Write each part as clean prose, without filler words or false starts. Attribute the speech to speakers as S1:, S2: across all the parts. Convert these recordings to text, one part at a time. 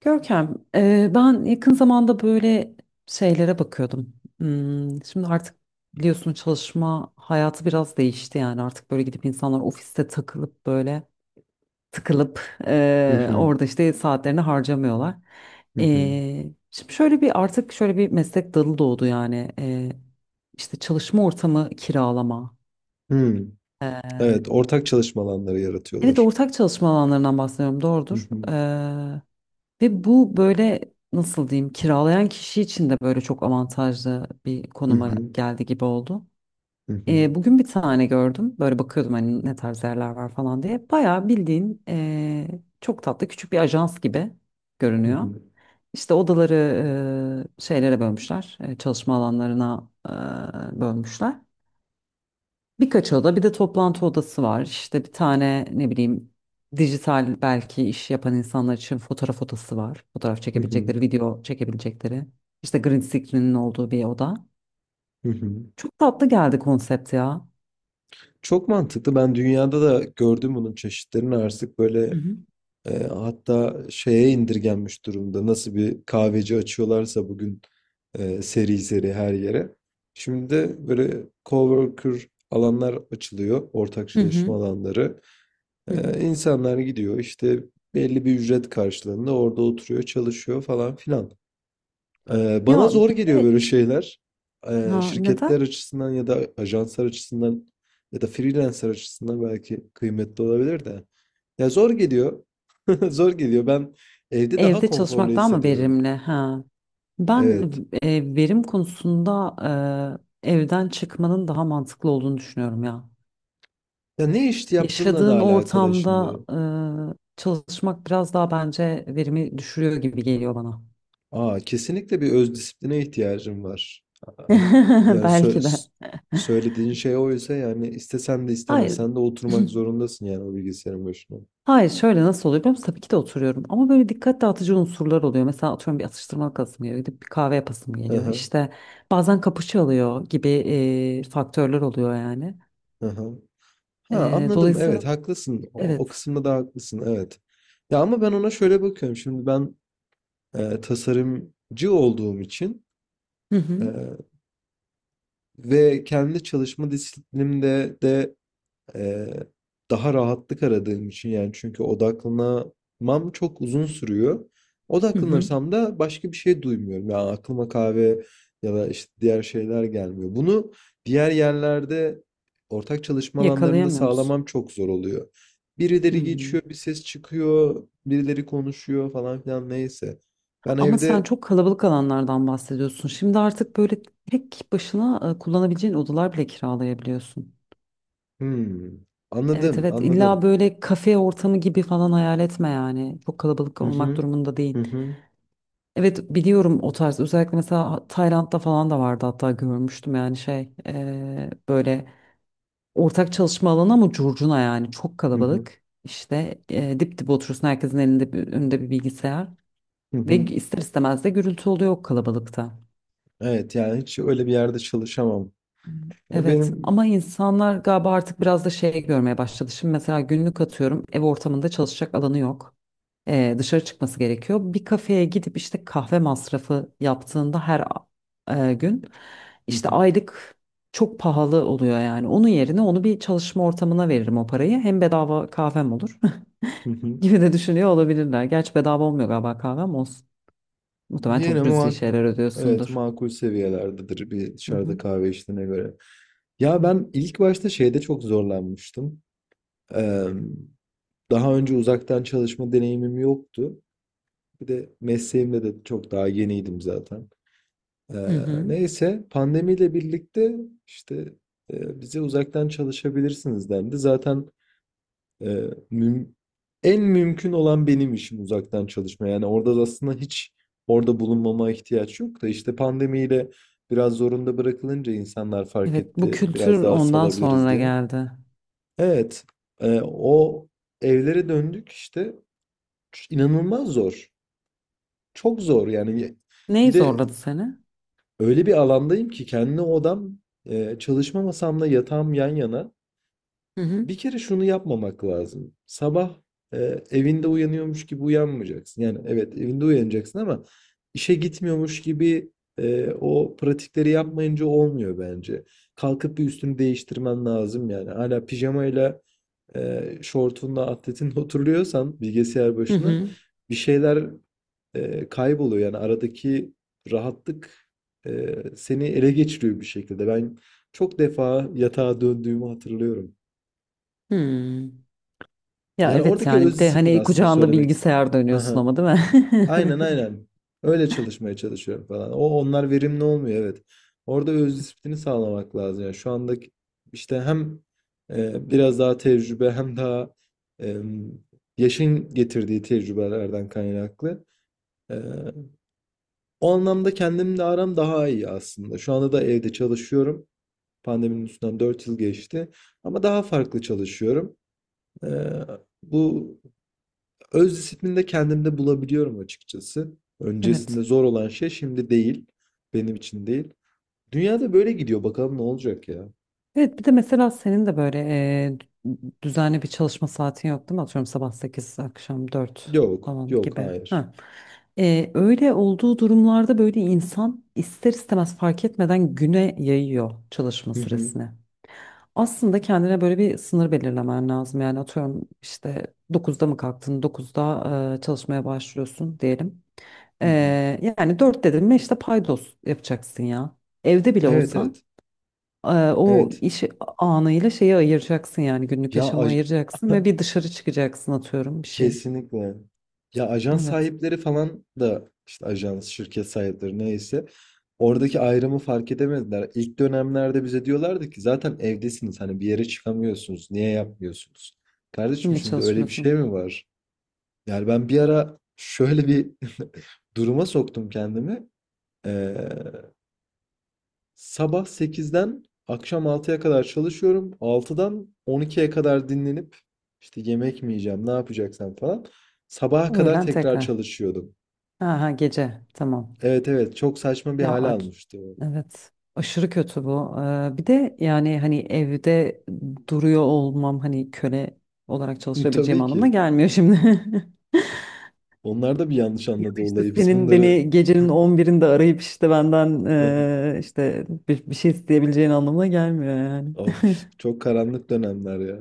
S1: Görkem, ben yakın zamanda böyle şeylere bakıyordum. Şimdi artık biliyorsun, çalışma hayatı biraz değişti. Yani artık böyle gidip insanlar ofiste takılıp böyle tıkılıp
S2: Hı hı.
S1: orada işte saatlerini harcamıyorlar.
S2: Hı hı.
S1: E, Şimdi şöyle bir, artık şöyle bir meslek dalı doğdu yani, işte çalışma ortamı kiralama.
S2: Hı.
S1: E,
S2: Evet, ortak çalışma alanları
S1: evet,
S2: yaratıyorlar.
S1: ortak çalışma alanlarından bahsediyorum,
S2: Hı
S1: doğrudur.
S2: hı.
S1: Ve bu böyle, nasıl diyeyim, kiralayan kişi için de böyle çok avantajlı bir
S2: Hı
S1: konuma
S2: hı.
S1: geldi gibi oldu.
S2: Hı hı.
S1: Bugün bir tane gördüm. Böyle bakıyordum, hani ne tarz yerler var falan diye. Bayağı bildiğin çok tatlı küçük bir ajans gibi
S2: Hı
S1: görünüyor.
S2: hı.
S1: İşte odaları şeylere bölmüşler. Çalışma alanlarına bölmüşler. Birkaç oda, bir de toplantı odası var. İşte bir tane, ne bileyim, dijital belki iş yapan insanlar için fotoğraf odası var. Fotoğraf
S2: Hı hı.
S1: çekebilecekleri, video çekebilecekleri. İşte green screen'in olduğu bir oda.
S2: Hı hı.
S1: Çok tatlı geldi konsept ya.
S2: Çok mantıklı. Ben dünyada da gördüm bunun çeşitlerini artık
S1: Hı
S2: böyle
S1: hı.
S2: hatta şeye indirgenmiş durumda. Nasıl bir kahveci açıyorlarsa bugün seri seri her yere. Şimdi de böyle coworker alanlar açılıyor, ortak
S1: Hı hı.
S2: çalışma alanları.
S1: Hı hı.
S2: İnsanlar gidiyor işte belli bir ücret karşılığında orada oturuyor, çalışıyor falan filan. Bana
S1: Ya
S2: zor
S1: bir
S2: geliyor
S1: de,
S2: böyle şeyler.
S1: ha neden?
S2: Şirketler açısından ya da ajanslar açısından ya da freelancer açısından belki kıymetli olabilir de. Ya zor geliyor. Zor geliyor. Ben evde daha
S1: Evde
S2: konforlu
S1: çalışmak daha mı
S2: hissediyorum.
S1: verimli? Ha. Ben
S2: Evet.
S1: verim konusunda, evden çıkmanın daha mantıklı olduğunu düşünüyorum ya.
S2: Ya ne iş yaptığınla da
S1: Yaşadığın
S2: alakalı
S1: ortamda
S2: şimdi.
S1: çalışmak biraz daha, bence, verimi düşürüyor gibi geliyor bana.
S2: Aa, kesinlikle bir öz disipline ihtiyacım var. Yani
S1: Belki de.
S2: söylediğin şey oysa yani istesen de
S1: Hayır.
S2: istemesen de oturmak zorundasın yani o bilgisayarın başına.
S1: Hayır, şöyle nasıl oluyor biliyor musun? Tabii ki de oturuyorum ama böyle dikkat dağıtıcı unsurlar oluyor. Mesela atıyorum bir atıştırmalık asım geliyor, gidip bir kahve yapasım
S2: Hı
S1: geliyor.
S2: hı.
S1: İşte bazen kapışı alıyor gibi faktörler oluyor yani.
S2: Ha anladım,
S1: Dolayısıyla,
S2: evet haklısın, o
S1: evet.
S2: kısımda da haklısın, evet. Ya ama ben ona şöyle bakıyorum şimdi, ben tasarımcı olduğum için
S1: Hı
S2: e,
S1: hı,
S2: ve kendi çalışma disiplinimde de Ee, daha rahatlık aradığım için, yani çünkü odaklanamam çok uzun sürüyor.
S1: hı hı.
S2: Odaklanırsam da başka bir şey duymuyorum. Yani aklıma kahve ya da işte diğer şeyler gelmiyor. Bunu diğer yerlerde, ortak çalışma alanlarında
S1: Yakalayamıyor musun?
S2: sağlamam çok zor oluyor. Birileri
S1: Hı.
S2: geçiyor, bir ses çıkıyor, birileri konuşuyor falan filan, neyse. Ben
S1: Ama sen
S2: evde.
S1: çok kalabalık alanlardan bahsediyorsun. Şimdi artık böyle tek başına kullanabileceğin odalar bile kiralayabiliyorsun.
S2: Hmm,
S1: Evet
S2: anladım,
S1: evet, illa
S2: anladım.
S1: böyle kafe ortamı gibi falan hayal etme yani. Çok kalabalık
S2: Hı
S1: olmak
S2: hı,
S1: durumunda
S2: hı
S1: değil.
S2: hı,
S1: Evet, biliyorum o tarz, özellikle mesela Tayland'da falan da vardı, hatta görmüştüm. Yani şey, böyle ortak çalışma alanı ama curcuna yani, çok
S2: hı hı,
S1: kalabalık. İşte dip dip oturuyorsun, herkesin elinde bir, önünde bir bilgisayar
S2: hı hı. Hı
S1: ve
S2: hı.
S1: ister istemez de gürültü oluyor o kalabalıkta.
S2: Evet yani hiç öyle bir yerde çalışamam. Ya
S1: Evet
S2: benim.
S1: ama insanlar galiba artık biraz da şey görmeye başladı. Şimdi mesela günlük, atıyorum, ev ortamında çalışacak alanı yok. Dışarı çıkması gerekiyor. Bir kafeye gidip işte kahve masrafı yaptığında, gün,
S2: Hı
S1: işte
S2: hı,
S1: aylık, çok pahalı oluyor yani. Onun yerine onu bir çalışma ortamına veririm o parayı. Hem bedava kahvem olur,
S2: hı hı.
S1: gibi de düşünüyor olabilirler. Gerçi bedava olmuyor galiba, kahvem olsun. Muhtemelen
S2: Yine
S1: çok cüzi
S2: makul,
S1: şeyler
S2: evet
S1: ödüyorsundur.
S2: makul seviyelerdedir bir
S1: Hı
S2: dışarıda
S1: hı.
S2: kahve içtiğine göre. Ya ben ilk başta şeyde çok zorlanmıştım. Eee, Daha önce uzaktan çalışma deneyimim yoktu. Bir de mesleğimde de çok daha yeniydim zaten.
S1: Hı hı.
S2: Neyse pandemiyle birlikte işte bize uzaktan çalışabilirsiniz dendi. Zaten Ee, müm- en mümkün olan benim işim uzaktan çalışma. Yani orada da aslında hiç orada bulunmama ihtiyaç yok da işte pandemiyle biraz zorunda bırakılınca insanlar fark
S1: Evet, bu
S2: etti. Biraz
S1: kültür
S2: daha
S1: ondan
S2: salabiliriz
S1: sonra
S2: diye.
S1: geldi.
S2: Evet, o evlere döndük işte. İnanılmaz zor. Çok zor yani. Bir
S1: Neyi
S2: de
S1: zorladı seni?
S2: öyle bir alandayım ki kendi odam, çalışma masamla yatağım yan yana.
S1: Hı hı.
S2: Bir kere şunu yapmamak lazım. Sabah e, evinde uyanıyormuş gibi uyanmayacaksın. Yani evet evinde uyanacaksın ama işe gitmiyormuş gibi, o pratikleri yapmayınca olmuyor bence. Kalkıp bir üstünü değiştirmen lazım yani. Hala pijamayla, şortunla, atletinle oturuyorsan bilgisayar
S1: Hı
S2: başına,
S1: hı.
S2: bir şeyler kayboluyor. Yani aradaki rahatlık seni ele geçiriyor bir şekilde. Ben çok defa yatağa döndüğümü hatırlıyorum.
S1: Hmm. Ya
S2: Yani
S1: evet,
S2: oradaki
S1: yani
S2: öz
S1: bir de
S2: disiplin
S1: hani
S2: aslında
S1: kucağında
S2: söylemek
S1: bilgisayar dönüyorsun
S2: Aha.
S1: ama değil mi?
S2: Aynen aynen. Öyle çalışmaya çalışıyorum falan. Onlar verimli olmuyor, evet. Orada öz disiplini sağlamak lazım. Yani şu andaki işte hem biraz daha tecrübe, hem daha e, yaşın getirdiği tecrübelerden kaynaklı. E, O anlamda kendimle aram daha iyi aslında. Şu anda da evde çalışıyorum. Pandeminin üstünden 4 yıl geçti. Ama daha farklı çalışıyorum. E, bu Öz disiplinde kendimde bulabiliyorum açıkçası.
S1: Evet.
S2: Öncesinde zor olan şey şimdi değil. Benim için değil. Dünyada böyle gidiyor. Bakalım ne olacak ya.
S1: Evet, bir de mesela senin de böyle düzenli bir çalışma saatin yok değil mi? Atıyorum sabah 8, akşam 4
S2: Yok.
S1: falan
S2: Yok.
S1: gibi.
S2: Hayır.
S1: Ha. Öyle olduğu durumlarda böyle insan ister istemez, fark etmeden, güne yayıyor çalışma
S2: Hı hı,
S1: süresini. Aslında kendine böyle bir sınır belirlemen lazım. Yani atıyorum, işte dokuzda mı kalktın, dokuzda çalışmaya başlıyorsun diyelim. E,
S2: hı hı.
S1: Yani 4 dedim mi, işte paydos yapacaksın ya. Evde bile
S2: Evet
S1: olsan,
S2: evet.
S1: e, o
S2: Evet.
S1: iş anıyla şeyi ayıracaksın, yani günlük
S2: Ya
S1: yaşamı
S2: aj-
S1: ayıracaksın ve bir dışarı çıkacaksın, atıyorum, bir şey.
S2: kesinlikle. Ya ajan
S1: Evet.
S2: sahipleri falan da, işte ajans, şirket sahipleri neyse, oradaki ayrımı fark edemediler. İlk dönemlerde bize diyorlardı ki zaten evdesiniz, hani bir yere çıkamıyorsunuz. Niye yapmıyorsunuz? Kardeşim,
S1: Niye
S2: şimdi öyle bir şey
S1: çalışmıyorsun?
S2: mi var? Yani ben bir ara şöyle bir duruma soktum kendimi. Ee, Sabah 8'den akşam 6'ya kadar çalışıyorum. 6'dan 12'ye kadar dinlenip, işte yemek mi yiyeceğim, ne yapacaksam falan. Sabaha kadar
S1: Öğlen
S2: tekrar
S1: tekrar.
S2: çalışıyordum.
S1: Aha gece, tamam.
S2: Evet evet, çok saçma bir
S1: Ya
S2: hale almıştı o.
S1: evet, aşırı kötü bu. Bir de yani hani evde duruyor olmam, hani köle olarak çalışabileceğim
S2: Tabii
S1: anlamına
S2: ki.
S1: gelmiyor şimdi.
S2: Onlar da bir yanlış
S1: Ya
S2: anladı
S1: işte
S2: olayı. Biz
S1: senin
S2: bunları...
S1: beni gecenin on birinde arayıp işte benden, işte bir şey isteyebileceğin anlamına gelmiyor yani.
S2: Of, çok karanlık dönemler ya.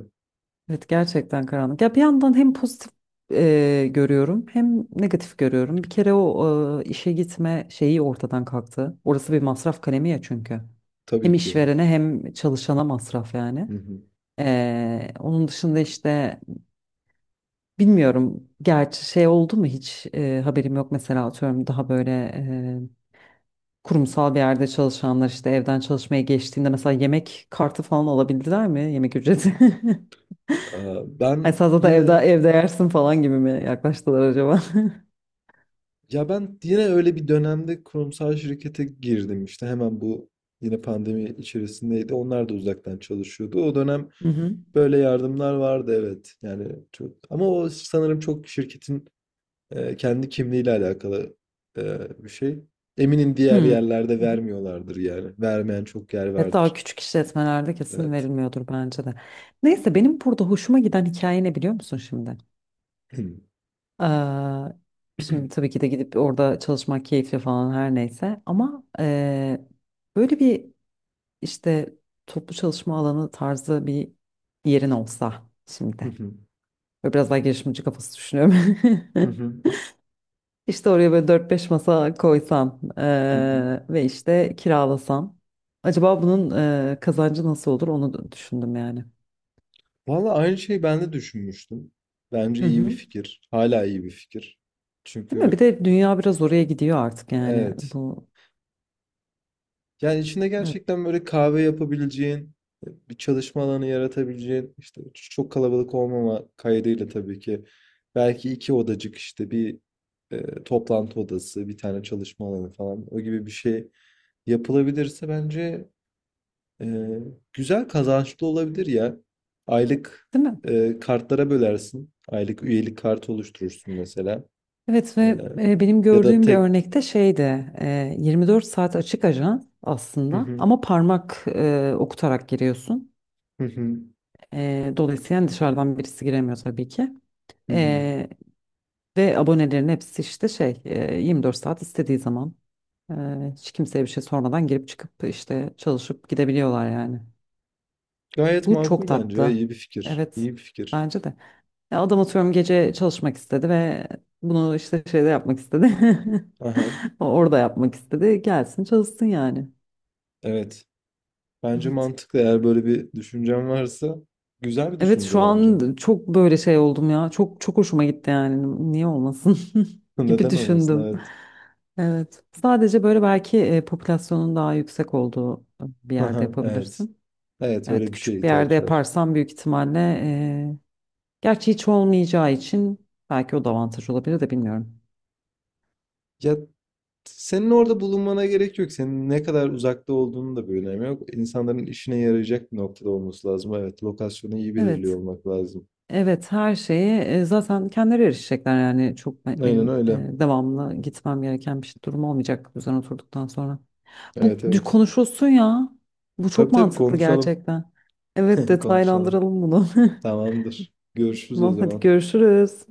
S1: Evet, gerçekten karanlık. Ya bir yandan hem pozitif görüyorum, hem negatif görüyorum. Bir kere o işe gitme şeyi ortadan kalktı. Orası bir masraf kalemi ya çünkü.
S2: Tabii
S1: Hem
S2: ki.
S1: işverene hem çalışana masraf yani.
S2: Hı hı.
S1: Onun dışında işte bilmiyorum, gerçi şey oldu mu hiç, haberim yok. Mesela atıyorum daha böyle e, kurumsal bir yerde çalışanlar işte evden çalışmaya geçtiğinde mesela yemek kartı falan alabildiler mi? Yemek ücreti. Ay
S2: Ben
S1: salata evde,
S2: yine
S1: evde yersin falan gibi mi yaklaştılar acaba?
S2: Ya ben yine öyle bir dönemde kurumsal şirkete girdim, işte hemen bu, yine pandemi içerisindeydi. Onlar da uzaktan çalışıyordu. O dönem
S1: Hı hı.
S2: böyle yardımlar vardı, evet. Yani çok, ama o sanırım çok şirketin kendi kimliğiyle alakalı e, bir şey. Eminim diğer
S1: Hmm.
S2: yerlerde vermiyorlardır yani. Vermeyen çok yer
S1: Evet, daha
S2: vardır.
S1: küçük işletmelerde kesin
S2: Evet.
S1: verilmiyordur bence de. Neyse, benim burada hoşuma giden hikaye ne biliyor musun şimdi? Ee, Şimdi tabii ki de gidip orada çalışmak keyifli falan, her neyse, ama böyle bir, işte toplu çalışma alanı tarzı bir yerin olsa şimdi. Böyle biraz daha girişimci kafası düşünüyorum. İşte oraya böyle dört beş masa koysam ve işte kiralasam. Acaba bunun kazancı nasıl olur, onu da düşündüm yani.
S2: Valla aynı şeyi ben de düşünmüştüm. Bence
S1: Hı
S2: iyi bir
S1: hı.
S2: fikir. Hala iyi bir fikir.
S1: Değil mi? Bir
S2: Çünkü
S1: de dünya biraz oraya gidiyor artık, yani
S2: Evet.
S1: bu.
S2: Yani içinde
S1: Evet,
S2: gerçekten böyle kahve yapabileceğin, bir çalışma alanı yaratabileceğin, işte çok kalabalık olmama kaydıyla tabii ki. Belki iki odacık, işte bir toplantı odası, bir tane çalışma alanı falan, o gibi bir şey yapılabilirse bence e, güzel kazançlı olabilir ya. Aylık
S1: değil mi?
S2: kartlara bölersin. Aylık üyelik kartı oluşturursun mesela.
S1: Evet,
S2: E,
S1: ve benim
S2: Ya da
S1: gördüğüm bir
S2: tek...
S1: örnekte şeydi, 24 saat açık ajans
S2: Hı
S1: aslında
S2: hı,
S1: ama parmak okutarak giriyorsun.
S2: hı hı,
S1: Dolayısıyla yani dışarıdan birisi giremiyor tabii ki.
S2: hı hı.
S1: E, Ve abonelerin hepsi işte şey, 24 saat, istediği zaman, hiç kimseye bir şey sormadan girip çıkıp işte çalışıp gidebiliyorlar yani.
S2: Gayet
S1: Bu çok
S2: makul bence ya.
S1: tatlı.
S2: İyi bir fikir.
S1: Evet,
S2: İyi bir fikir.
S1: bence de. Ya adam, atıyorum, gece çalışmak istedi ve bunu işte şeyde yapmak istedi.
S2: Aha,
S1: Orada yapmak istedi. Gelsin çalışsın yani.
S2: evet. Bence
S1: Evet.
S2: mantıklı, eğer böyle bir düşüncen varsa. Güzel bir
S1: Evet, şu
S2: düşünce bence.
S1: an çok böyle şey oldum ya. Çok çok hoşuma gitti yani. Niye olmasın, gibi
S2: Neden olmasın?
S1: düşündüm.
S2: Evet.
S1: Evet. Sadece böyle belki popülasyonun daha yüksek olduğu bir yerde
S2: Aha, evet.
S1: yapabilirsin.
S2: Evet,
S1: Evet,
S2: öyle bir şeye
S1: küçük bir yerde
S2: ihtiyaç var.
S1: yaparsam büyük ihtimalle eee, gerçi hiç olmayacağı için belki o da avantaj olabilir, de bilmiyorum.
S2: Ya senin orada bulunmana gerek yok. Senin ne kadar uzakta olduğunun da bir önemi yok. İnsanların işine yarayacak bir noktada olması lazım. Evet, lokasyonu iyi belirliyor
S1: Evet,
S2: olmak lazım.
S1: evet, her şeyi zaten kendileri erişecekler yani, çok
S2: Aynen
S1: benim
S2: öyle.
S1: devamlı gitmem gereken bir durum olmayacak üzerine oturduktan sonra. Bu
S2: Evet evet.
S1: konuşulsun ya. Bu
S2: Tabii
S1: çok
S2: tabii,
S1: mantıklı
S2: konuşalım.
S1: gerçekten. Evet,
S2: Konuşalım.
S1: detaylandıralım bunu.
S2: Tamamdır. Görüşürüz o
S1: Tamam hadi
S2: zaman.
S1: görüşürüz.